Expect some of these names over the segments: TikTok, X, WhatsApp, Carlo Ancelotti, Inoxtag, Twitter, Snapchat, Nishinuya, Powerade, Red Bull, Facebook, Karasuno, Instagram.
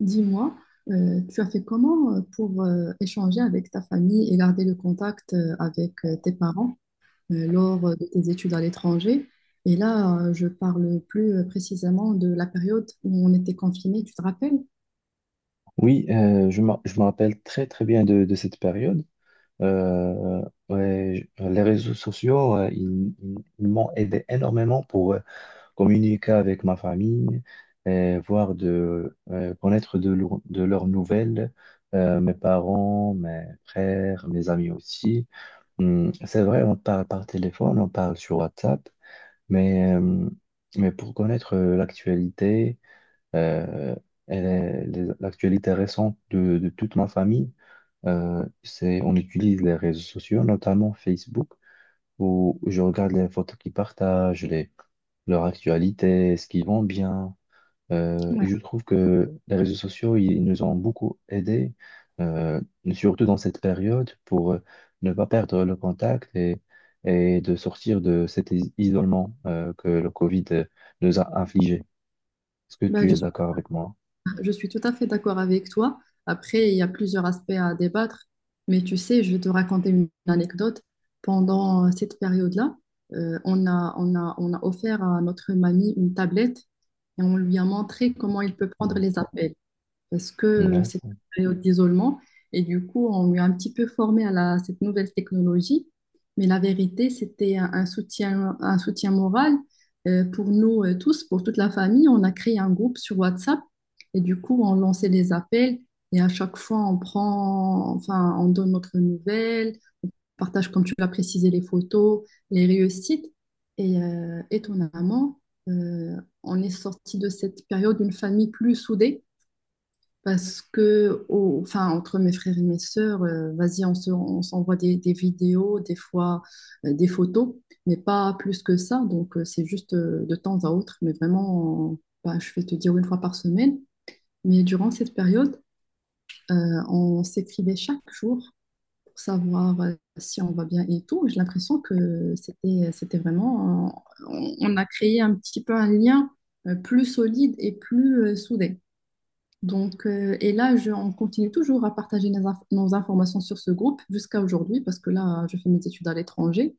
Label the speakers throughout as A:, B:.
A: Dis-moi, tu as fait comment pour échanger avec ta famille et garder le contact avec tes parents lors de tes études à l'étranger? Et là, je parle plus précisément de la période où on était confinés, tu te rappelles?
B: Oui, je me rappelle très très bien de cette période. Euh, les réseaux sociaux, ils m'ont aidé énormément pour communiquer avec ma famille, et voir de connaître de leurs nouvelles, mes parents, mes frères, mes amis aussi. C'est vrai, on parle par téléphone, on parle sur WhatsApp, mais, euh, mais pour connaître l'actualité. Euh, L'actualité récente de toute ma famille, c'est on utilise les réseaux sociaux, notamment Facebook, où je regarde les photos qu'ils partagent, leur actualité, ce qu'ils vont bien. Et
A: Ouais.
B: je trouve que les réseaux sociaux, ils nous ont beaucoup aidés, euh, surtout dans cette période, pour ne pas perdre le contact et de sortir de cet isolement que le Covid nous a infligé. Est-ce que
A: Ben,
B: tu
A: je
B: es
A: suis
B: d'accord avec moi?
A: Je suis tout à fait d'accord avec toi. Après, il y a plusieurs aspects à débattre, mais tu sais, je vais te raconter une anecdote. Pendant cette période-là, on a offert à notre mamie une tablette et on lui a montré comment il peut prendre les appels parce que c'était
B: D'accord.
A: une période d'isolement. Et du coup, on lui a un petit peu formé à cette nouvelle technologie. Mais la vérité, c'était un soutien moral pour nous tous, pour toute la famille. On a créé un groupe sur WhatsApp et du coup, on lançait les appels. Et à chaque fois, on prend, enfin, on donne notre nouvelle, on partage, comme tu l'as précisé, les photos, les réussites. Et étonnamment, euh, on est sorti de cette période d'une famille plus soudée parce que, enfin, entre mes frères et mes sœurs, vas-y, on s'envoie des vidéos, des fois des photos, mais pas plus que ça. Donc, c'est juste de temps à autre, mais vraiment, bah, je vais te dire une fois par semaine. Mais durant cette période, euh, on s'écrivait chaque jour pour savoir si on va bien et tout. J'ai l'impression que c'était vraiment, on a créé un petit peu un lien plus solide et plus soudé. Donc, et là, on continue toujours à partager nos informations sur ce groupe jusqu'à aujourd'hui, parce que là, je fais mes études à l'étranger.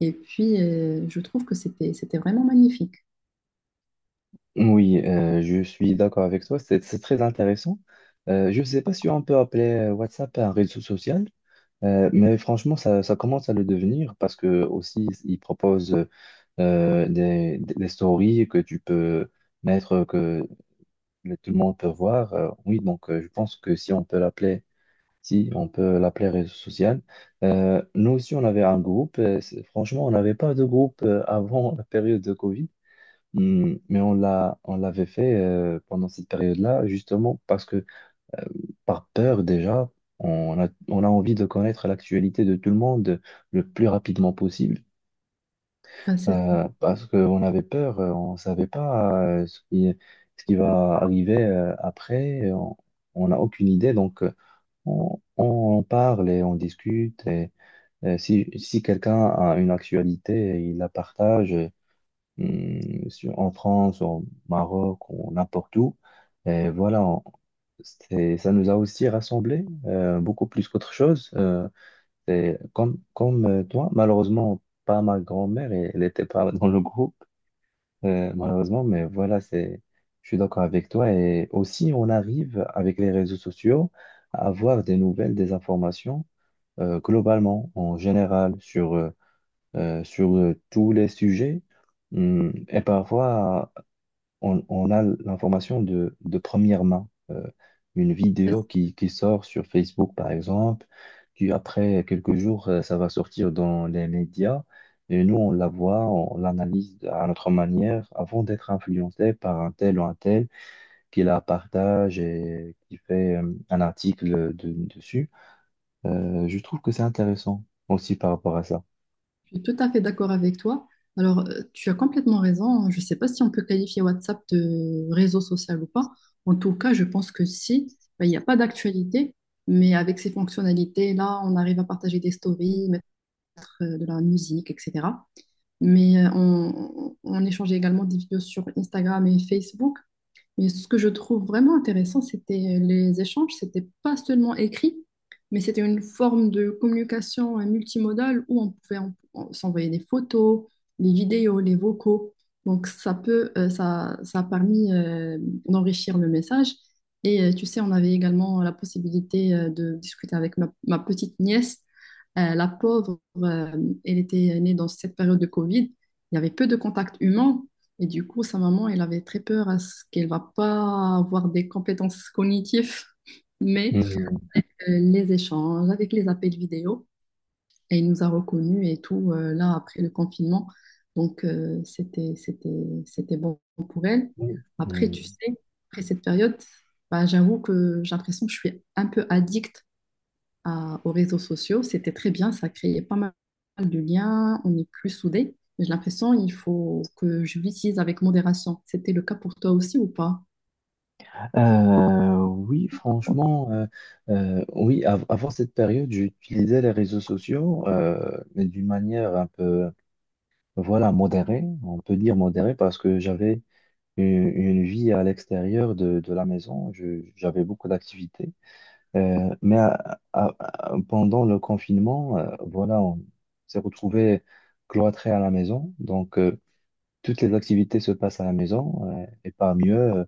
A: Et puis, je trouve que c'était vraiment magnifique.
B: Oui, je suis d'accord avec toi, c'est très intéressant. Je ne sais pas si on peut appeler WhatsApp un réseau social, mais franchement, ça commence à le devenir parce que aussi, ils proposent des stories que tu peux mettre, que tout le monde peut voir. Oui, donc je pense que si on peut l'appeler, si on peut l'appeler réseau social. Nous aussi, on avait un groupe. Franchement, on n'avait pas de groupe avant la période de Covid. Mais on l'avait fait pendant cette période-là, justement parce que par peur déjà, on a envie de connaître l'actualité de tout le monde le plus rapidement possible,
A: Enfin, c'est-
B: parce qu'on avait peur, on ne savait pas ce qui va arriver après, et on n'a aucune idée, donc on en parle et on discute, et si quelqu'un a une actualité, il la partage, en France, au Maroc, ou n'importe où. Et voilà, on- Ça nous a aussi rassemblés, beaucoup plus qu'autre chose. C'est comme toi, malheureusement, pas ma grand-mère, et elle n'était pas dans le groupe, malheureusement, mais je suis d'accord avec toi. Et aussi, on arrive avec les réseaux sociaux à avoir des nouvelles, des informations, globalement, en général, sur tous les sujets. Hum. Et parfois, on a l'information de première main. Une vidéo
A: c'est-
B: qui sort sur Facebook, par exemple, qui après quelques jours, ça va sortir dans les médias. Et nous, on la voit, on l'analyse à notre manière avant d'être influencé par un tel ou un tel qui la partage et qui fait un article dessus. Je trouve que c'est intéressant aussi par rapport à ça.
A: je suis tout à fait d'accord avec toi. Alors, tu as complètement raison. Je ne sais pas si on peut qualifier WhatsApp de réseau social ou pas. En tout cas, je pense que si, ben, il n'y a pas d'actualité. Mais avec ces fonctionnalités-là, on arrive à partager des stories, mettre de la musique, etc. Mais on échangeait également des vidéos sur Instagram et Facebook. Mais ce que je trouve vraiment intéressant, c'était les échanges. C'était pas seulement écrit, mais c'était une forme de communication multimodale où on pouvait s'envoyer des photos, des vidéos, les vocaux. Donc ça a permis d'enrichir le message. Et tu sais, on avait également la possibilité de discuter avec ma petite nièce. La pauvre, elle était née dans cette période de Covid. Il y avait peu de contacts humains. Et du coup, sa maman, elle avait très peur à ce qu'elle va pas avoir des compétences cognitives, mais
B: Mm.
A: les échanges avec les appels vidéo, et il nous a reconnus et tout, là, après le confinement. Donc, c'était bon pour elle. Après, tu
B: Mm.
A: sais, après cette période, bah, j'avoue que j'ai l'impression que je suis un peu addict aux réseaux sociaux, c'était très bien, ça créait pas mal de liens, on est plus soudés. Mais j'ai l'impression il faut que je l'utilise avec modération. C'était le cas pour toi aussi ou pas?
B: Oui, Franchement, oui, avant cette période, j'utilisais les réseaux sociaux, mais d'une manière modérée, on peut dire modérée, parce que j'avais une vie à l'extérieur de la maison, j'avais beaucoup d'activités. Pendant le confinement, on s'est retrouvé cloîtré à la maison, donc toutes les activités se passent à la maison, et parmi eux,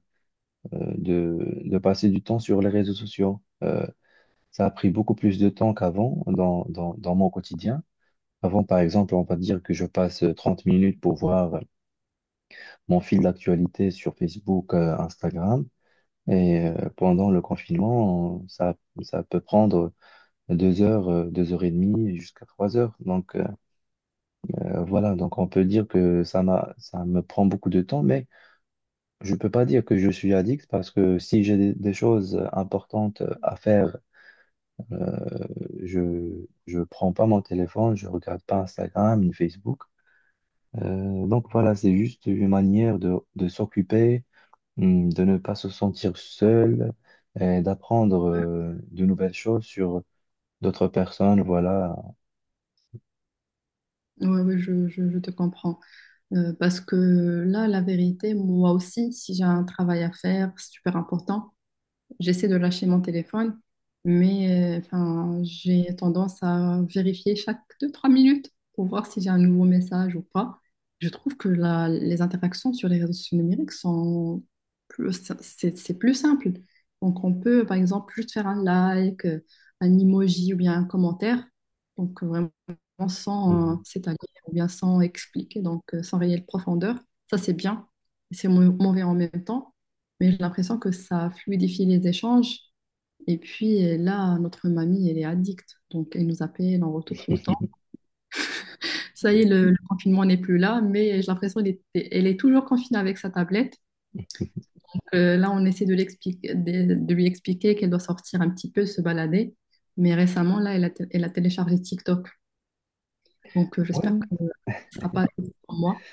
B: de passer du temps sur les réseaux sociaux. Ça a pris beaucoup plus de temps qu'avant dans mon quotidien. Avant, par exemple, on va dire que je passe 30 minutes pour voir mon fil d'actualité sur Facebook, Instagram. Pendant le confinement, ça peut prendre 2 heures, 2 heures et demie jusqu'à 3 heures. Donc voilà, donc on peut dire que ça me prend beaucoup de temps, mais je peux pas dire que je suis addict parce que si j'ai des choses importantes à faire euh, Je je prends pas mon téléphone, je regarde pas Instagram ni Facebook. Donc voilà, c'est juste une manière de s'occuper, de ne pas se sentir seul, et d'apprendre de nouvelles choses sur d'autres personnes. Voilà.
A: Oui, oui, je te comprends. Parce que là, la vérité, moi aussi, si j'ai un travail à faire super important, j'essaie de lâcher mon téléphone, mais enfin, j'ai tendance à vérifier chaque deux-trois minutes pour voir si j'ai un nouveau message ou pas. Je trouve que les interactions sur les réseaux sociaux numériques sont plus, c'est plus simple. Donc, on peut, par exemple, juste faire un like, un emoji ou bien un commentaire. Donc, vraiment sans s'étaler ou bien sans expliquer, donc sans réelle profondeur. Ça, c'est bien. C'est mauvais en même temps. Mais j'ai l'impression que ça fluidifie les échanges. Et puis là, notre mamie, elle est addict. Donc, elle nous appelle en retour tout le temps. Ça y
B: Mhm.
A: est, le confinement n'est plus là, mais j'ai l'impression qu'elle elle est toujours confinée avec sa tablette. Là, on essaie de, de lui expliquer qu'elle doit sortir un petit peu, se balader. Mais récemment, là, elle a téléchargé TikTok. Donc, j'espère
B: Ouais.
A: que ce ne sera pas pour moi.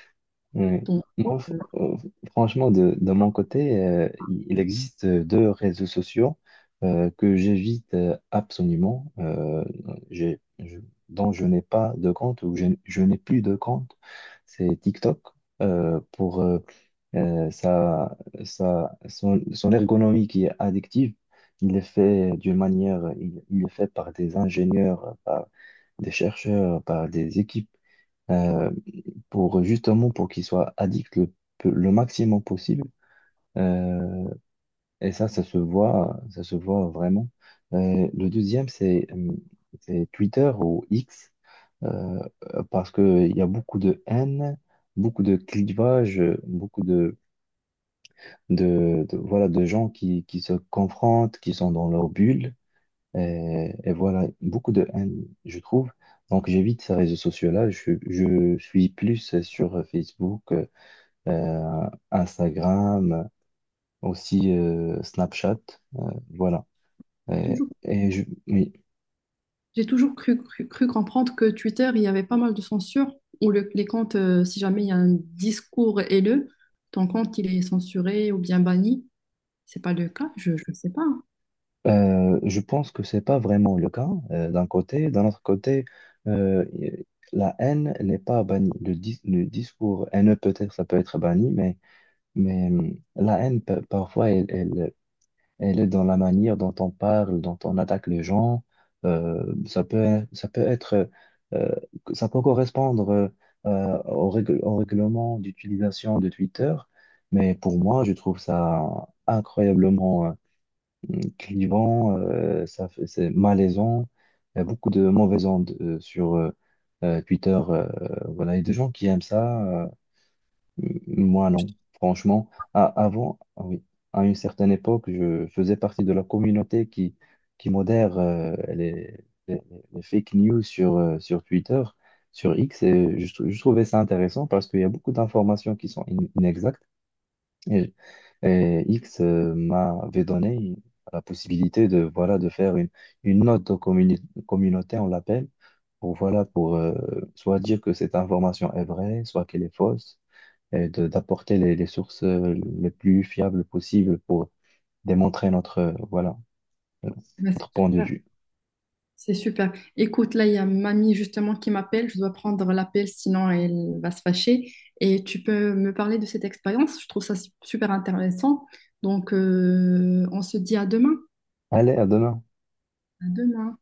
B: Oui.
A: Donc,
B: Moi, f-
A: euh,
B: euh, Franchement, de mon côté, il existe deux réseaux sociaux que j'évite absolument, j'ai- je- dont je n'ai pas de compte ou je n'ai plus de compte. C'est TikTok pour euh, sa, son ergonomie qui est addictive. Il est fait d'une manière, il est fait par des ingénieurs, par des chercheurs, par des équipes euh, pour justement pour qu'ils soient addicts le maximum possible. Euh, et ça, ça se voit vraiment. Le deuxième, c'est Twitter ou X, euh, parce que il y a beaucoup de haine, beaucoup de clivage, beaucoup de- voilà, de gens qui se confrontent, qui sont dans leur bulle. Et voilà, beaucoup de haine, je trouve. Donc j'évite ces réseaux sociaux-là. Je suis plus sur Facebook, Instagram, aussi Snapchat, euh, voilà.
A: elle est
B: Et,
A: toujours
B: et je, oui,
A: j'ai toujours cru comprendre que Twitter, il y avait pas mal de censure, où les comptes, si jamais il y a un discours haineux, ton compte, il est censuré ou bien banni. C'est pas le cas, je ne sais pas.
B: je pense que c'est pas vraiment le cas d'un côté. D'un autre côté, euh, la haine n'est pas bannie. Le discours haineux, peut-être, ça peut être banni, mais la haine, parfois, elle est dans la manière dont on parle, dont on attaque les gens. Ça peut être, euh, ça peut correspondre au règlement d'utilisation de Twitter, mais pour moi, je trouve ça incroyablement clivant, c'est malaisant. Il y a beaucoup de mauvaises ondes sur Twitter, voilà, et des gens qui aiment ça. Moi, non. Franchement, avant, ah oui, à une certaine époque, je faisais partie de la communauté qui modère les- les fake news sur Twitter, sur X, et je trouvais ça intéressant parce qu'il y a beaucoup d'informations qui sont inexactes. Et, et X m'avait donné la possibilité de faire une note aux communauté, on l'appelle, pour soit dire que cette information est vraie, soit qu'elle est fausse et d'apporter les sources les plus fiables possibles pour démontrer euh,
A: Ouais, c'est
B: notre point de
A: super.
B: vue.
A: C'est super. Écoute, là, il y a mamie justement qui m'appelle. Je dois prendre l'appel, sinon elle va se fâcher. Et tu peux me parler de cette expérience. Je trouve ça super intéressant. Donc, on se dit à demain.
B: Allez, à demain.
A: À demain.